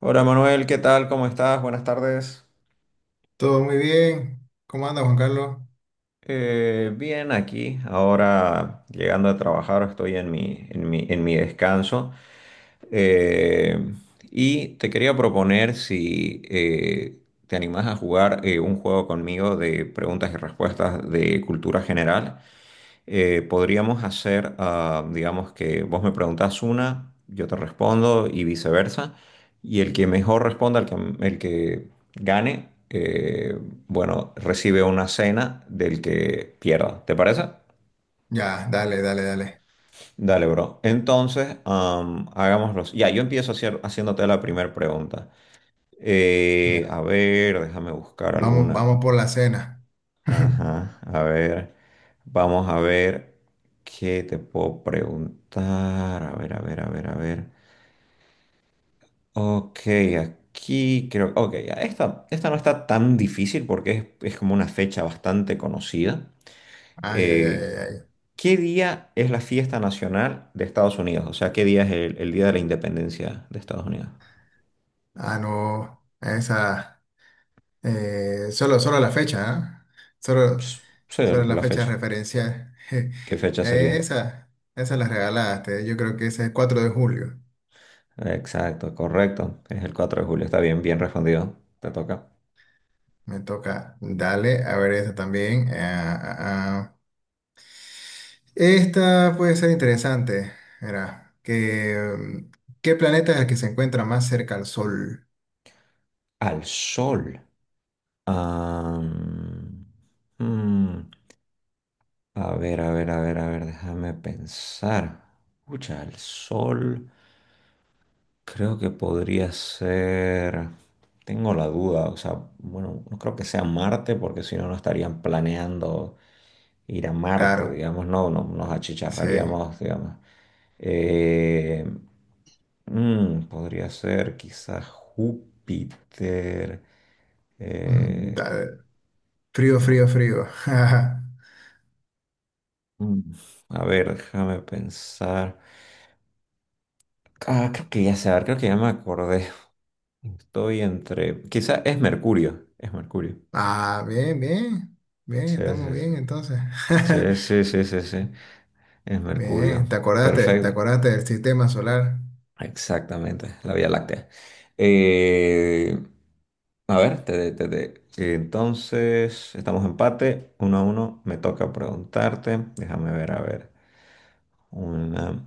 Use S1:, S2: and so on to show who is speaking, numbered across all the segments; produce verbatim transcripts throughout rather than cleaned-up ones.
S1: Hola Manuel, ¿qué tal? ¿Cómo estás? Buenas tardes.
S2: Todo muy bien. ¿Cómo anda, Juan Carlos?
S1: Eh, bien, aquí, ahora llegando a trabajar, estoy en mi, en mi, en mi descanso. Eh, y te quería proponer si eh, te animás a jugar eh, un juego conmigo de preguntas y respuestas de cultura general. Eh, podríamos hacer, ah, digamos que vos me preguntás una, yo te respondo y viceversa, y el que mejor responda, el que, el que gane, eh, bueno, recibe una cena del que pierda, ¿te parece?
S2: Ya, dale, dale, dale.
S1: Dale, bro. Entonces, am, hagámoslo. Ya, yo empiezo hacier- haciéndote la primera pregunta. Eh, a
S2: Ya.
S1: ver, déjame buscar
S2: Vamos,
S1: alguna.
S2: vamos por la cena.
S1: Ajá, a ver, vamos a ver qué te puedo preguntar. A ver, a ver, a ver, a ver. Ok, aquí creo, ok, ya, esta, esta no está tan difícil porque es, es como una fecha bastante conocida.
S2: Ay, ay, ay,
S1: Eh,
S2: ay, ay.
S1: ¿Qué día es la fiesta nacional de Estados Unidos? O sea, ¿qué día es el, el día de la independencia de Estados Unidos?
S2: Ah, no. Esa. eh, solo, solo la fecha, ¿ah? Solo,
S1: Ps, Sí,
S2: solo la
S1: la
S2: fecha
S1: fecha.
S2: referencial.
S1: ¿Qué fecha
S2: Eh,
S1: sería?
S2: esa, esa la regalaste. Yo creo que esa es cuatro de julio.
S1: Exacto, correcto. Es el cuatro de julio. Está bien, bien respondido. Te toca.
S2: Me toca. Dale, a ver esa también. Ah, ah, ah. Esta puede ser interesante. Era que, mm, ¿qué planeta es el que se encuentra más cerca al Sol?
S1: Al sol. Am, mm, a ver, a ver, a ver, a ver, déjame pensar. Escucha, al sol creo que podría ser. Tengo la duda, o sea, bueno, no creo que sea Marte porque si no, no estarían planeando ir a Marte,
S2: Claro,
S1: digamos, no, no nos
S2: sí.
S1: achicharraríamos, digamos. Eh, mm, Podría ser quizás Júpiter.
S2: Mm,
S1: Eh,
S2: da- Frío, frío, frío.
S1: Mm, A ver, déjame pensar. Ah, creo que ya sé, creo que ya me acordé. Estoy entre. Quizá es Mercurio. Es Mercurio.
S2: Ah, bien, bien. Bien,
S1: Sí,
S2: estamos
S1: sí, sí.
S2: bien entonces.
S1: Sí, sí, sí, sí, sí. Es Mercurio.
S2: Bien, ¿te acordaste? ¿Te
S1: Perfecto.
S2: acordaste del sistema solar?
S1: Exactamente. La Vía Láctea. Eh, a ver, te, te- te- Entonces estamos empate. Uno a uno. Me toca preguntarte. Déjame ver, a ver. Una.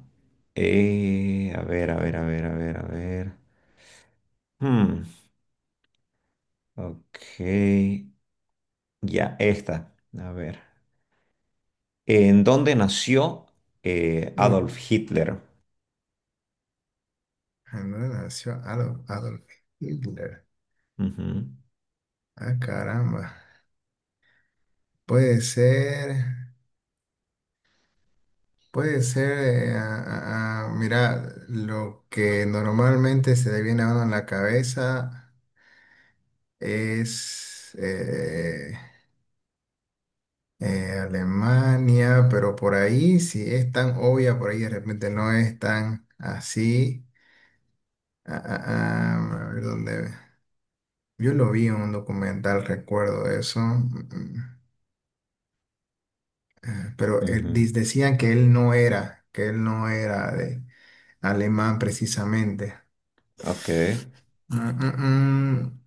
S1: Eh, a ver, a ver, a ver, a ver, a ver. Hmm, Ok, ya esta. A ver. ¿En dónde nació eh,
S2: Uy,
S1: Adolf Hitler?
S2: ¿en dónde nació Adolf, Adolf Hitler?
S1: Ujú,
S2: Ah, caramba. Puede ser. Puede ser, eh, a- a- a- mira, lo que normalmente se le viene a uno en la cabeza es eh, eh, Alemania, pero por ahí si es tan obvia, por ahí de repente no es tan así. Ah, ah, ah, a ver dónde. Yo lo vi en un documental, recuerdo eso, mm, mm, eh, pero él-
S1: ujú.
S2: dis- decían que él no era, que él no era de alemán precisamente.
S1: Ok.
S2: Mm, mm, mm.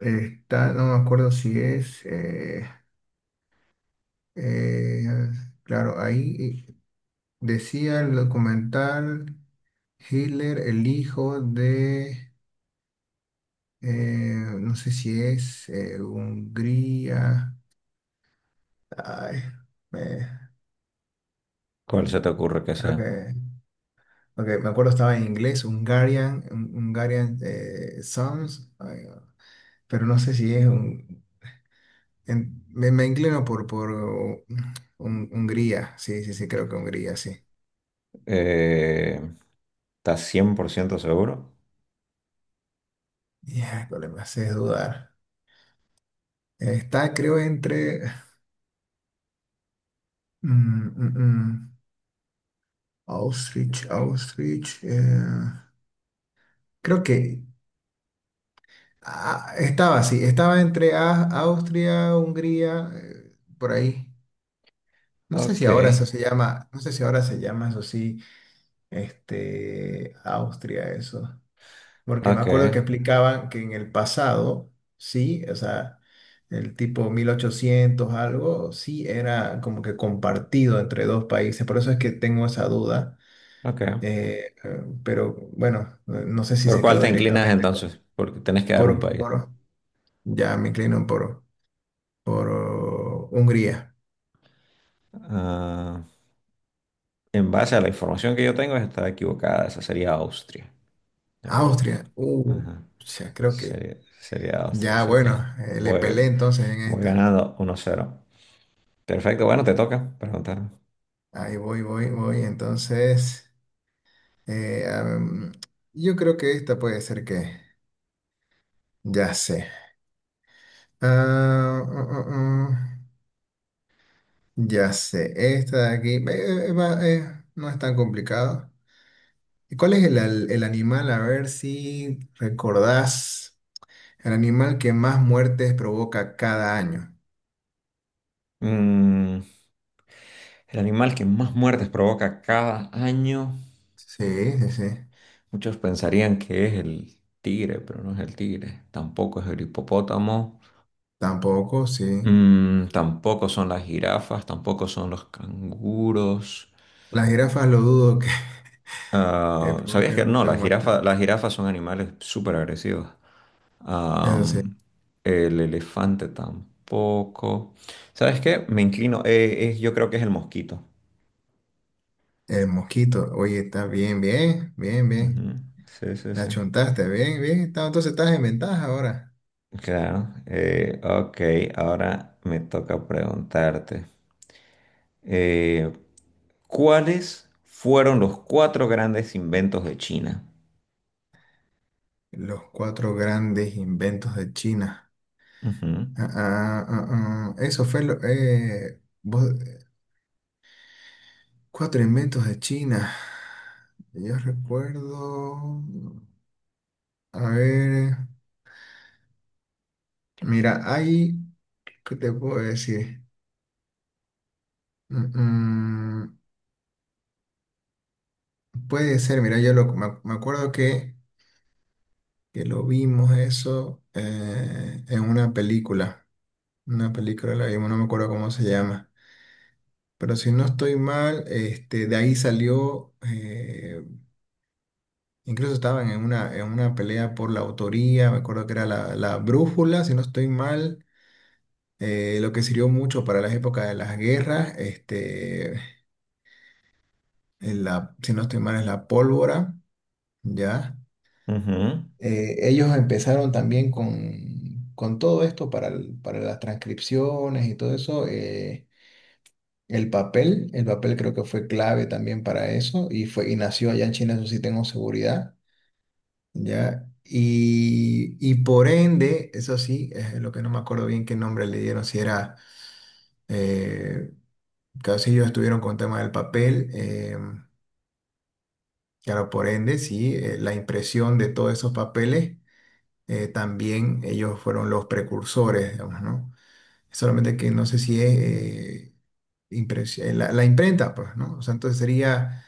S2: Está, no me acuerdo si es. eh, eh, claro, ahí eh, decía el documental Hitler, el hijo de. eh, no sé si es eh, Hungría. Ay, eh,
S1: ¿Cuál se te ocurre que
S2: creo
S1: sea?
S2: que- ok, me acuerdo estaba en inglés, Hungarian, Hungarian eh, Sons, ay, pero no sé si es Hungría. En- me, me inclino por, por uh, Hun- Hungría, sí, sí, sí, creo que Hungría, sí.
S1: Eh, ¿Estás cien por ciento seguro?
S2: Ya, cuál me haces dudar. Está, creo, entre mm, mm, mm, Auschwitz, Auschwitz. Eh, creo que ah, estaba, sí, estaba entre A- Austria, Hungría, eh, por ahí. No sé
S1: Ok,
S2: si ahora eso se llama, no sé si ahora se llama eso sí, este, Austria, eso. Porque me
S1: ok,
S2: acuerdo que explicaban que en el pasado, sí, o sea, el tipo mil ochocientos algo, sí era como que compartido entre dos países. Por eso es que tengo esa duda.
S1: ok.
S2: eh, eh, pero bueno, eh, no sé si
S1: ¿Por
S2: se
S1: cuál
S2: quedó
S1: te inclinas
S2: directamente con,
S1: entonces? Porque tenés que dar un
S2: por,
S1: país.
S2: por- ya me inclino por, por oh, Hungría.
S1: Ah, en base a la información que yo tengo, está equivocada. Esa sería Austria, el país.
S2: Austria, uh,
S1: Ajá.
S2: ya creo que,
S1: Sería, sería Austria,
S2: ya
S1: así
S2: bueno,
S1: que
S2: eh, le
S1: voy,
S2: pelé entonces en
S1: voy
S2: esta.
S1: ganando uno a cero. Perfecto, bueno, te toca preguntarme.
S2: Ahí voy, voy, voy, entonces. Eh, am, yo creo que esta puede ser que... Ya sé. Ah, mm, mm, mm. ya sé. Esta de aquí eh, eh, va, eh, no es tan complicado. ¿Y cuál es el, al- el animal? A ver si recordás. El animal que más muertes provoca cada año.
S1: Mm, el animal que más muertes provoca cada año,
S2: Sí, sí, sí.
S1: muchos pensarían que es el tigre, pero no es el tigre, tampoco es el hipopótamo.
S2: Tampoco, sí.
S1: Mm, tampoco son las jirafas, tampoco son los canguros.
S2: Las jirafas lo dudo que, que
S1: Ah, ¿sabías que
S2: provoquen
S1: no?
S2: muchas
S1: Las
S2: muertes.
S1: jirafas, las jirafas son animales súper agresivos.
S2: Eso
S1: Am,
S2: sí.
S1: el elefante tampoco. ¿Sabes qué? Me inclino. Eh, eh, yo creo que es el mosquito.
S2: El mosquito. Oye, está bien, bien, bien, bien.
S1: Ujú, sí, sí,
S2: La
S1: sí.
S2: chuntaste, bien, bien. está- Entonces estás en ventaja ahora.
S1: Claro. Eh, ok, ahora me toca preguntarte. eh, ¿Cuáles fueron los cuatro grandes inventos de China?
S2: Los cuatro grandes inventos de China.
S1: Ujú,
S2: Ah, ah, ah, ah. Eso fue lo... eh, vos- cuatro inventos de China. Yo recuerdo... A ver... Mira, hay... ¿Qué te puedo decir? Mm, mm, puede ser, mira, yo lo, me, me acuerdo que, que lo vimos eso eh, en una película. Una película la vimos, no me acuerdo cómo se llama. Pero si no estoy mal, este, de ahí salió, eh, incluso estaban en una, en una pelea por la autoría, me acuerdo que era la, la brújula, si no estoy mal, eh, lo que sirvió mucho para las épocas de las guerras, este, en la, si no estoy mal, es la pólvora, ¿ya?
S1: ujú,
S2: Eh, ellos empezaron también con, con todo esto para, el- para las transcripciones y todo eso. eh, El papel, el papel creo que fue clave también para eso y fue y nació allá en China, eso sí tengo seguridad, ¿ya? Y, y por ende, eso sí, es lo que no me acuerdo bien qué nombre le dieron, si era, eh, claro, si ellos estuvieron con el tema del papel, eh, claro, por ende, sí, eh, la impresión de todos esos papeles, eh, también ellos fueron los precursores, digamos, ¿no? Solamente que no sé si es... eh, impres- eh, la, la imprenta, pues, ¿no? O sea, entonces sería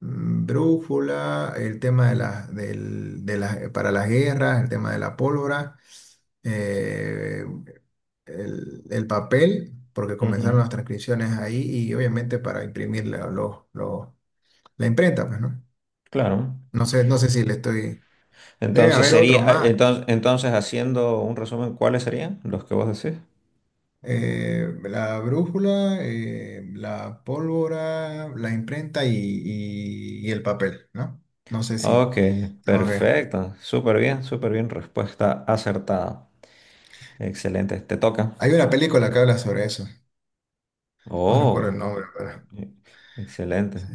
S2: mm, drújula, el tema de las del- de las- para las guerras, el tema de la pólvora, eh, el, el papel, porque comenzaron
S1: ujú.
S2: las transcripciones ahí y obviamente para imprimir la, lo- lo- la imprenta, pues, ¿no?
S1: Claro.
S2: No sé, no sé si le estoy... Debe
S1: Entonces
S2: haber otro
S1: sería, eh,
S2: más.
S1: entonces, entonces haciendo un resumen, ¿cuáles serían los que vos decís?
S2: Eh, la brújula, eh, la pólvora, la imprenta y, y- y el papel, ¿no? No sé si...
S1: Ok,
S2: ok.
S1: perfecto. Súper bien, súper bien. Respuesta acertada. Excelente. Te toca.
S2: Hay una película que habla sobre eso. No recuerdo el
S1: Oh,
S2: nombre, pero
S1: e- excelente.
S2: sí.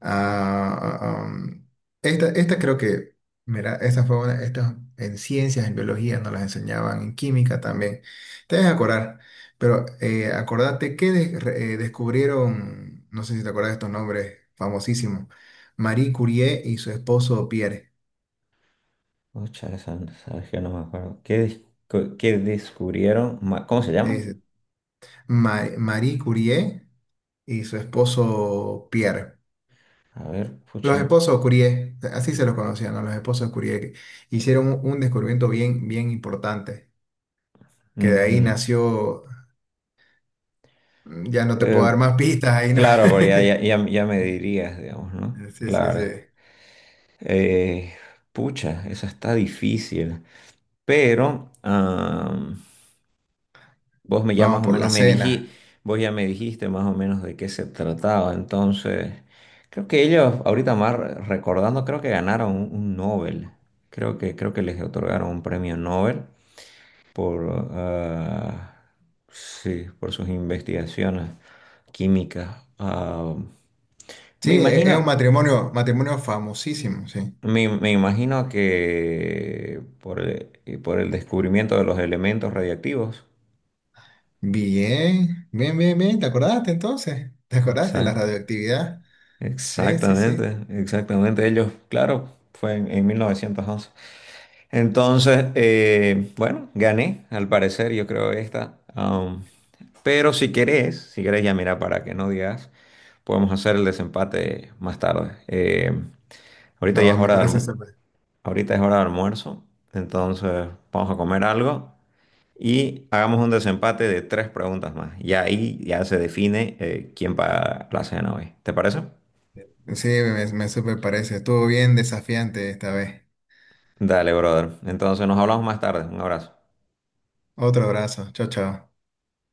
S2: Ah, ah, um, esta, esta creo que, mira, esta fue una, estas en ciencias, en biología, nos las enseñaban, en química también. Te debes acordar, pero eh, acordate que de- re- eh, descubrieron, no sé si te acuerdas de estos nombres famosísimos, Marie Curie y su esposo Pierre.
S1: Pucha, esa- sabes que no me acuerdo. ¿Qué, dis- co- ¿qué descubrieron? ma- ¿Cómo se
S2: Sí,
S1: llama?
S2: sí. Ma- Marie Curie y su esposo Pierre.
S1: A ver,
S2: Los
S1: pucha.
S2: esposos Curie, así se los conocían, ¿no? Los esposos Curie que hicieron un un descubrimiento bien, bien importante, que de ahí
S1: Ujú.
S2: nació, ya no te puedo
S1: Eh,
S2: dar más pistas ahí, ¿no?
S1: claro, porque ya, ya, ya- ya me dirías, digamos, ¿no?
S2: Sí, sí, sí.
S1: Claro. Eh, Pucha, esa está difícil. Pero, vos me ya
S2: Vamos
S1: más o
S2: por
S1: menos
S2: la
S1: me dijiste,
S2: cena.
S1: vos ya me dijiste más o menos de qué se trataba. Entonces, creo que ellos, ahorita más re- recordando, creo que ganaron un, un Nobel. Creo que, creo que les otorgaron un premio Nobel por, ah, sí, por sus investigaciones químicas. Ah, me
S2: Sí, e- es un
S1: imagino,
S2: matrimonio, matrimonio famosísimo, sí.
S1: me, me imagino que por el, por el descubrimiento de los elementos radiactivos.
S2: Bien, bien, bien, bien, ¿te acordaste entonces? ¿Te acordaste de la
S1: Exacto.
S2: radioactividad? Sí, sí, sí.
S1: Exactamente, exactamente. Ellos, claro, fue en, en mil novecientos once. Entonces, eh, bueno, gané, al parecer, yo creo esta. Am, pero si querés, si querés ya mira, para que no digas, podemos hacer el desempate más tarde. Eh, ahorita ya
S2: No,
S1: es
S2: me
S1: hora de,
S2: parece
S1: alm-
S2: súper.
S1: ahorita es hora de almuerzo, entonces vamos a comer algo y hagamos un desempate de tres preguntas más. Y ahí ya se define eh, quién paga la cena hoy. ¿Te parece?
S2: Sí, me, me súper parece. Estuvo bien desafiante esta vez.
S1: Dale, brother. Entonces nos hablamos más tarde. Un abrazo.
S2: Otro abrazo. Chao, chao.